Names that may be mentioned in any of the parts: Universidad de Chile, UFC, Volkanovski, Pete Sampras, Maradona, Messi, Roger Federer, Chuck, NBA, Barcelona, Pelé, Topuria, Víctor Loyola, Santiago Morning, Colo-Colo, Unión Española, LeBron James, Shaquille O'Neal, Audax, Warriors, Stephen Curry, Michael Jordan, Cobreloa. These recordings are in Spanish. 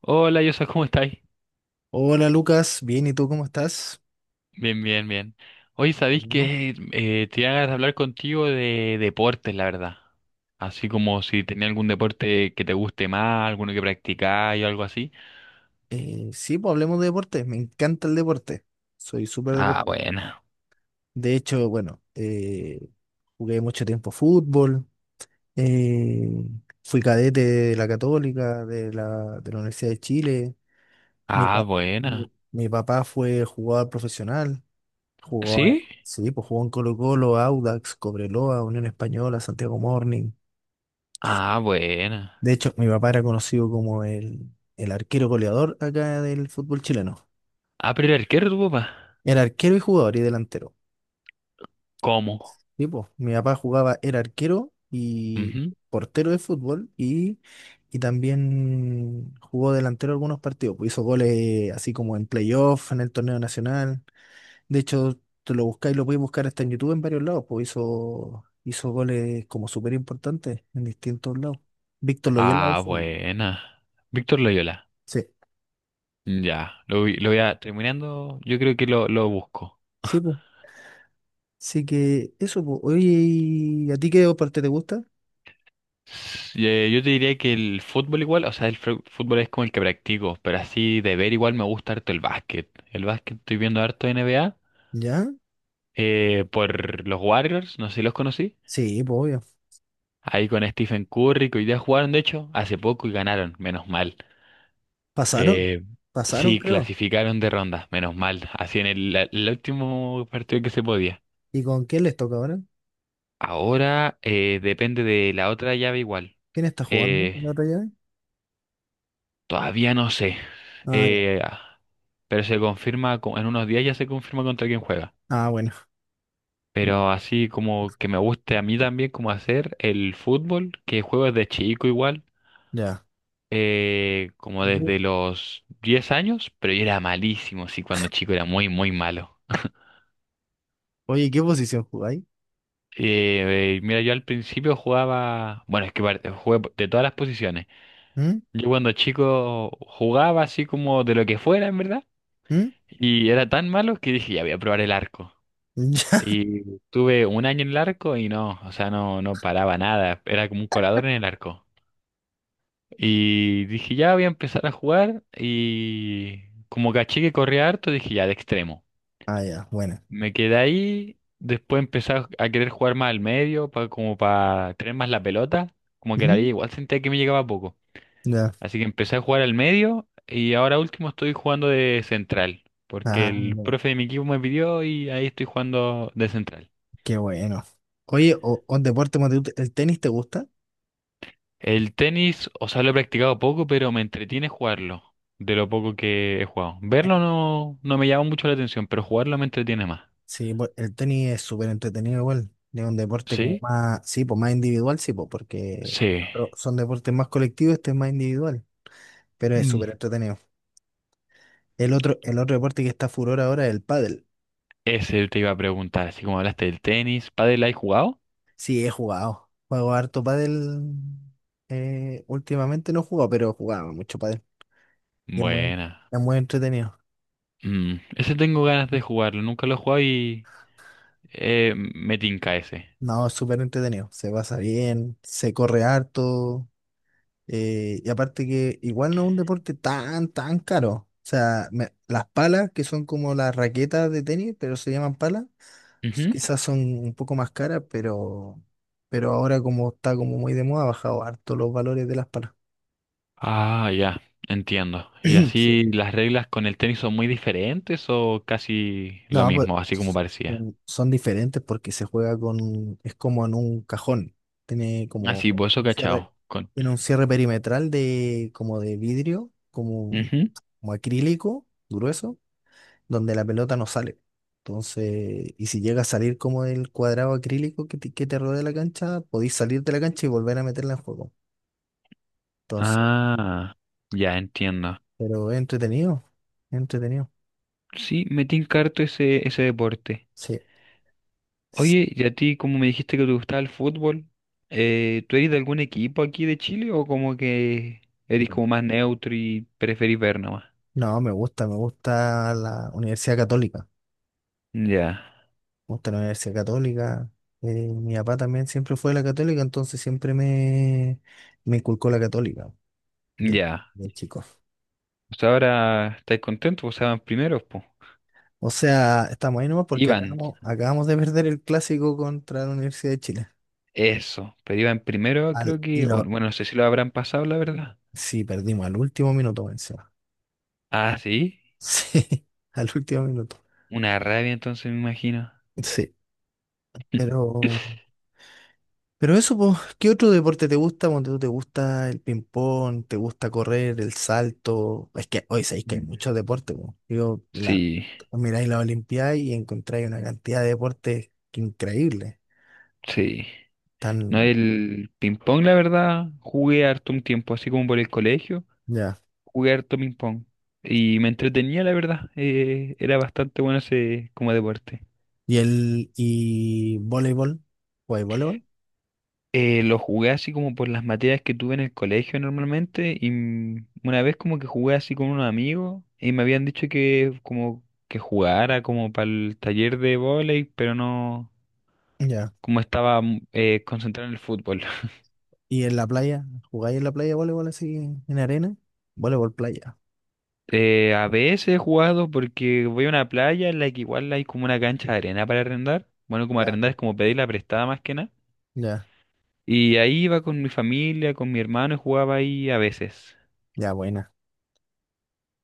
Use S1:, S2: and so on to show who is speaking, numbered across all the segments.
S1: Hola, Yosa, ¿cómo estáis?
S2: Hola, Lucas, bien, ¿y tú cómo estás?
S1: Bien, bien, bien. Hoy sabéis
S2: Bueno.
S1: que tenía ganas de hablar contigo de deportes, la verdad. Así como si tenía algún deporte que te guste más, alguno que practicáis o algo así.
S2: Sí, pues hablemos de deporte, me encanta el deporte, soy súper
S1: Ah,
S2: deportista.
S1: buena.
S2: De hecho, bueno, jugué mucho tiempo fútbol. eh, Fui cadete de la Católica, de la Universidad de Chile. mi, pa-
S1: Ah, buena.
S2: mi papá fue jugador profesional. Jugó,
S1: ¿Sí?
S2: sí, pues jugó en Colo-Colo, Audax, Cobreloa, Unión Española, Santiago Morning.
S1: Ah, buena.
S2: De hecho, mi papá era conocido como el arquero goleador acá del fútbol chileno.
S1: Ah, pero el arquero, tu papá.
S2: Era arquero y jugador y delantero.
S1: ¿Cómo?
S2: Sí, po. Mi papá jugaba, era arquero y
S1: Ujú.
S2: portero de fútbol, y también jugó delantero algunos partidos. Pues, hizo goles así como en playoff, en el torneo nacional. De hecho, te lo buscáis, lo podéis buscar hasta en YouTube en varios lados. Pues hizo goles como súper importantes en distintos lados. Víctor Loyola,
S1: Ah,
S2: ese.
S1: buena. Víctor Loyola.
S2: Sí,
S1: Ya, lo voy a terminando. Yo creo que lo busco.
S2: sí, pues. Así que eso, pues. Oye, ¿y a ti qué parte te gusta?
S1: Yo te diría que el fútbol igual, o sea, el fútbol es como el que practico, pero así de ver igual me gusta harto el básquet. El básquet estoy viendo harto N NBA,
S2: ¿Ya?
S1: por los Warriors, no sé si los conocí.
S2: Sí, pues obvio.
S1: Ahí con Stephen Curry, que hoy día jugaron de hecho hace poco y ganaron, menos mal.
S2: Pasaron,
S1: Eh,
S2: pasaron,
S1: sí,
S2: creo.
S1: clasificaron de ronda, menos mal. Así en el último partido que se podía.
S2: ¿Y con quién les toca ahora?
S1: Ahora depende de la otra llave igual.
S2: ¿Quién está jugando
S1: Eh,
S2: en la otra llave?
S1: Todavía no sé.
S2: Ah, ya.
S1: Eh, pero se confirma, en unos días ya se confirma contra quién juega.
S2: Ah, bueno.
S1: Pero así como que me guste a mí también como hacer el fútbol, que juego desde chico igual,
S2: Ya.
S1: como
S2: ¿Qué-
S1: desde los 10 años, pero yo era malísimo, sí, cuando chico era muy, muy malo.
S2: Oye, ¿qué posición jugáis?
S1: Mira, yo al principio jugaba, bueno, es que jugué de todas las posiciones.
S2: ¿Mm?
S1: Yo cuando chico jugaba así como de lo que fuera, en verdad,
S2: ¿Mm?
S1: y era tan malo que dije, ya voy a probar el arco.
S2: Ya.
S1: Y tuve un año en el arco y no, o sea, no, no paraba nada, era como un colador en el arco. Y dije, ya voy a empezar a jugar y como caché que corría harto, dije, ya, de extremo.
S2: Ah, ya, bueno.
S1: Me quedé ahí, después empecé a querer jugar más al medio, como para tener más la pelota, como que la liga
S2: ¿Mm?
S1: igual sentía que me llegaba poco.
S2: Ya.
S1: Así que empecé a jugar al medio y ahora último estoy jugando de central, porque
S2: Ah,
S1: el
S2: bueno,
S1: profe de mi equipo me pidió y ahí estoy jugando de central.
S2: qué bueno. Oye, o un deporte, Mateo, ¿el tenis te gusta?
S1: El tenis, o sea, lo he practicado poco, pero me entretiene jugarlo, de lo poco que he jugado. Verlo no, no me llama mucho la atención, pero jugarlo me entretiene más.
S2: Sí, pues, el tenis es súper entretenido igual. Es un deporte como
S1: ¿Sí?
S2: más, sí, pues más individual, sí, pues, porque los
S1: Sí.
S2: otros son deportes más colectivos, este es más individual, pero es
S1: Mm.
S2: súper entretenido. El otro deporte que está furor ahora es el pádel.
S1: Ese te iba a preguntar, así como hablaste del tenis, ¿pádel has jugado?
S2: Sí, he jugado. Juego harto pádel. Últimamente no he jugado, pero jugaba mucho pádel. Y
S1: Buena.
S2: es muy entretenido.
S1: Mm, ese tengo ganas de jugarlo, nunca lo he jugado y me tinca ese.
S2: No, es súper entretenido. Se pasa bien, se corre harto. Y aparte que igual no es un deporte tan, tan caro. O sea, las palas, que son como las raquetas de tenis, pero se llaman palas,
S1: Ujú.
S2: quizás son un poco más caras, pero ahora como está como muy de moda, ha bajado harto los valores de las palas.
S1: Ah, ya, entiendo. ¿Y
S2: Sí.
S1: así las reglas con el tenis son muy diferentes o casi lo
S2: No, pues
S1: mismo, así como parecía?
S2: son diferentes porque se juega con, es como en un cajón. Tiene como
S1: Así, bozo
S2: un cierre,
S1: cachado. Con...
S2: tiene un cierre perimetral de como de vidrio, como
S1: Ujú.
S2: como acrílico, grueso, donde la pelota no sale. Entonces, y si llega a salir como del cuadrado acrílico que te rodea la cancha, podéis salir de la cancha y volver a meterla en juego. Entonces,
S1: Ah, ya entiendo.
S2: pero es entretenido, es entretenido.
S1: Sí, me tinca harto ese, ese deporte.
S2: Sí. Sí.
S1: Oye, y a ti, como me dijiste que te gustaba el fútbol, ¿tú eres de algún equipo aquí de Chile o como que eres
S2: Bueno.
S1: como más neutro y preferís ver nomás?
S2: No, me gusta la Universidad Católica.
S1: Ya,
S2: Me gusta la Universidad Católica. Mi papá también siempre fue de la Católica, entonces me inculcó la Católica de,
S1: ya.
S2: de chico.
S1: Pues ahora estáis contentos, pues estaban primeros, pues.
S2: O sea, estamos ahí nomás porque
S1: Iban,
S2: acabamos, acabamos de perder el clásico contra la Universidad de Chile.
S1: eso. Pero iban primero, creo
S2: Y
S1: que.
S2: no,
S1: Bueno, no sé si lo habrán pasado, la verdad.
S2: sí, perdimos al último minuto encima.
S1: Ah, sí.
S2: Sí, al último minuto.
S1: Una rabia, entonces me imagino.
S2: Sí, pero, pero eso, pues, ¿qué otro deporte te gusta? Cuando tú te gusta el ping-pong, te gusta correr, el salto. Es que hoy sabéis que hay
S1: Mm.
S2: muchos deportes, pues.
S1: Sí,
S2: Miráis la Olimpiada y encontráis una cantidad de deportes increíbles.
S1: sí. No,
S2: Tan,
S1: el ping pong, la verdad, jugué harto un tiempo, así como por el colegio,
S2: ya.
S1: jugué harto ping pong. Y me entretenía, la verdad. Era bastante bueno ese como deporte.
S2: Y el, y voleibol, ¿jugáis voleibol?
S1: Lo jugué así como por las materias que tuve en el colegio normalmente. Y una vez como que jugué así con unos amigos y me habían dicho que como que jugara como para el taller de vóley, pero no,
S2: Ya.
S1: como estaba concentrado en el fútbol.
S2: ¿Y en la playa? ¿Jugáis en la playa voleibol así en arena? Voleibol playa.
S1: A veces he jugado porque voy a una playa en la que igual hay como una cancha de arena para arrendar. Bueno, como
S2: Ya,
S1: arrendar es como pedirla prestada más que nada.
S2: ya,
S1: Y ahí iba con mi familia, con mi hermano y jugaba ahí a veces.
S2: ya, buena.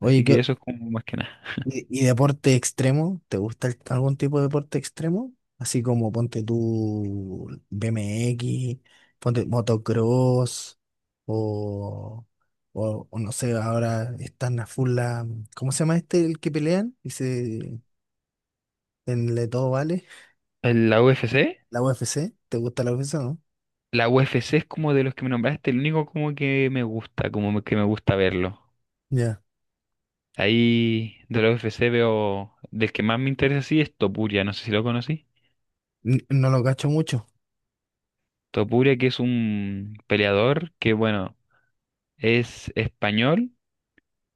S2: Oye,
S1: Así que eso es como más que nada.
S2: y deporte extremo? ¿Te gusta algún tipo de deporte extremo? Así como ponte tú BMX, ponte motocross, o, o no sé, ahora están a full ¿cómo se llama este el que pelean? En Le Todo Vale,
S1: ¿En ¿La UFC?
S2: la UFC. ¿Te gusta la UFC, no?
S1: La UFC es como de los que me nombraste, el único como que me gusta, como que me gusta verlo.
S2: Ya.
S1: Ahí de la UFC veo, del que más me interesa sí es Topuria, no sé si lo conocí.
S2: No lo cacho mucho,
S1: Topuria que es un peleador que bueno, es español.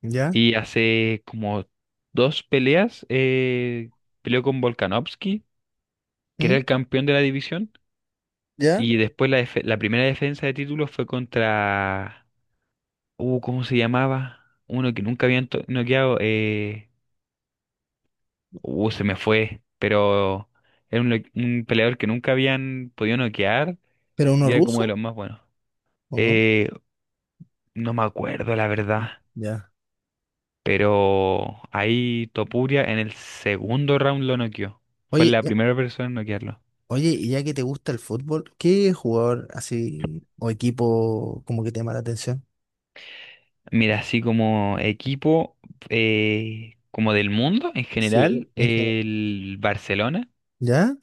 S2: ¿ya?
S1: Y hace como dos peleas, peleó con Volkanovski, que
S2: ¿Mm?
S1: era el campeón de la división.
S2: ¿Ya?
S1: Y después la primera defensa de título fue contra... ¿cómo se llamaba? Uno que nunca habían noqueado. Se me fue. Pero era un peleador que nunca habían podido noquear
S2: ¿Pero uno
S1: y era como de
S2: ruso?
S1: los más buenos.
S2: ¿O no?
S1: Eh, no me acuerdo, la verdad.
S2: Ya.
S1: Pero ahí Topuria en el segundo round lo noqueó. Fue
S2: Oye,
S1: la primera persona en noquearlo.
S2: Oye, y ya que te gusta el fútbol, ¿qué jugador así o equipo como que te llama la atención?
S1: Mira, así como equipo, como del mundo en general,
S2: Sí, en general.
S1: el Barcelona.
S2: ¿Ya?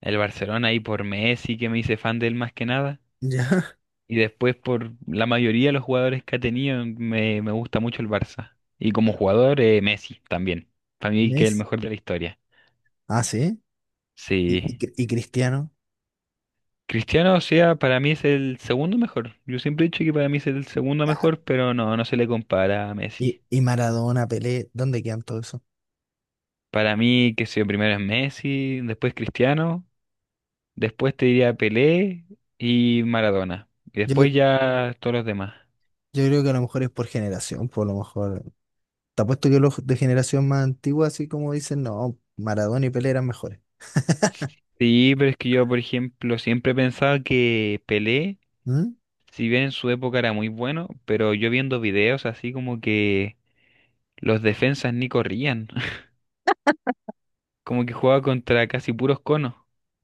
S1: El Barcelona ahí por Messi, que me hice fan de él más que nada.
S2: ¿Ya?
S1: Y después por la mayoría de los jugadores que ha tenido, me gusta mucho el Barça. Y como jugador, Messi también. Para mí que es el
S2: Messi.
S1: mejor de la historia.
S2: Ah, sí. ¿Y,
S1: Sí.
S2: Y Cristiano?
S1: Cristiano, o sea, para mí es el segundo mejor. Yo siempre he dicho que para mí es el segundo
S2: Ya.
S1: mejor, pero no, no se le compara a Messi.
S2: Y Maradona, Pelé? ¿Dónde quedan todo eso?
S1: Para mí, que sé yo, primero es Messi, después Cristiano, después te diría Pelé y Maradona. Y
S2: Yo,
S1: después
S2: cre-
S1: ya todos los demás.
S2: yo creo que a lo mejor es por generación, por lo mejor. Te apuesto que los de generación más antigua, así como dicen, no, Maradona y Pelé eran mejores.
S1: Sí, pero es que yo, por ejemplo, siempre pensaba que Pelé,
S2: ¿Mm?
S1: si bien en su época era muy bueno, pero yo viendo videos así como que los defensas ni corrían, como que jugaba contra casi puros conos.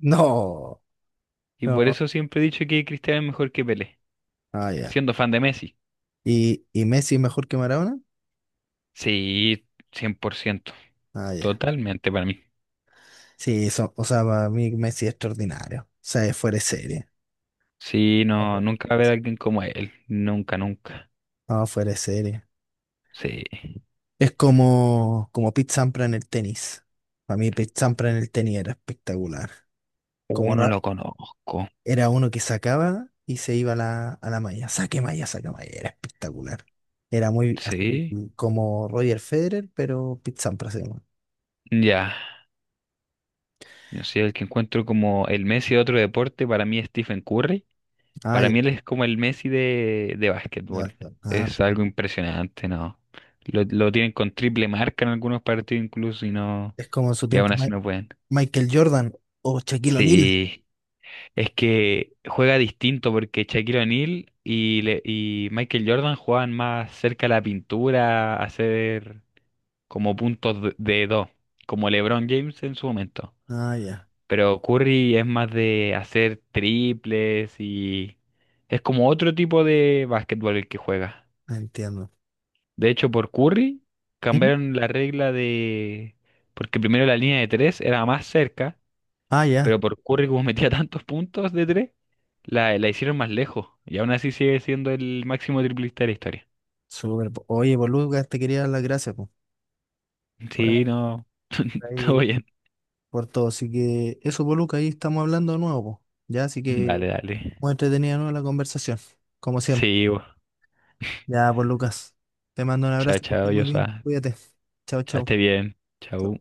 S2: No.
S1: Y por
S2: No.
S1: eso siempre he dicho que Cristiano es mejor que Pelé,
S2: Ah, ya.
S1: siendo fan de Messi.
S2: Y Messi es mejor que Maradona?
S1: Sí, 100 por ciento
S2: Ah, ya.
S1: totalmente para mí.
S2: Sí, eso, o sea, para mí Messi es extraordinario. O sea, es fuera de serie.
S1: Sí,
S2: No,
S1: no,
S2: pues.
S1: nunca va a haber alguien como él, nunca, nunca.
S2: No, fuera de serie.
S1: Sí,
S2: Es como, como Pete Sampras en el tenis. Para mí Pete Sampras en el tenis era espectacular. Como
S1: uno
S2: Ra-
S1: lo conozco.
S2: Era uno que sacaba y se iba a la malla. Saque malla, saque malla. Era espectacular. Era muy así
S1: Sí,
S2: como Roger Federer, pero Pete Sampras se llama.
S1: ya. Yo soy el que encuentro como el Messi de otro deporte, para mí es Stephen Curry.
S2: Ah,
S1: Para
S2: ya.
S1: mí él es como el Messi de
S2: Ya
S1: básquetbol.
S2: está.
S1: Es algo impresionante, ¿no? Lo tienen con triple marca en algunos partidos incluso y no,
S2: Es como en su
S1: y aún
S2: tiempo
S1: así no pueden.
S2: Michael Jordan o Shaquille O'Neal.
S1: Sí, es que juega distinto porque Shaquille O'Neal y, y Michael Jordan juegan más cerca a la pintura, a hacer como puntos de dos, como LeBron James en su momento.
S2: Ah, ya.
S1: Pero Curry es más de hacer triples y es como otro tipo de básquetbol el que juega.
S2: Entiendo.
S1: De hecho, por Curry
S2: ¿Mm?
S1: cambiaron la regla de... porque primero la línea de tres era más cerca.
S2: Ah, ya.
S1: Pero por Curry, como metía tantos puntos de tres, la hicieron más lejos. Y aún así sigue siendo el máximo triplista de la historia.
S2: Súper, po. Oye, Boluca, te quería dar las gracias, po,
S1: Sí,
S2: por,
S1: no. Todo
S2: ahí,
S1: bien.
S2: por todo. Así que eso, Boluca, ahí estamos hablando de nuevo, po. Ya, así que
S1: Dale, dale.
S2: muy entretenida, ¿no?, la conversación, como siempre.
S1: Sí, bo.
S2: Ya, pues Lucas, te mando un
S1: Chao,
S2: abrazo, que
S1: chao,
S2: estés muy bien,
S1: Yosa.
S2: cuídate. Chao,
S1: Chao,
S2: chao.
S1: esté bien. Chao.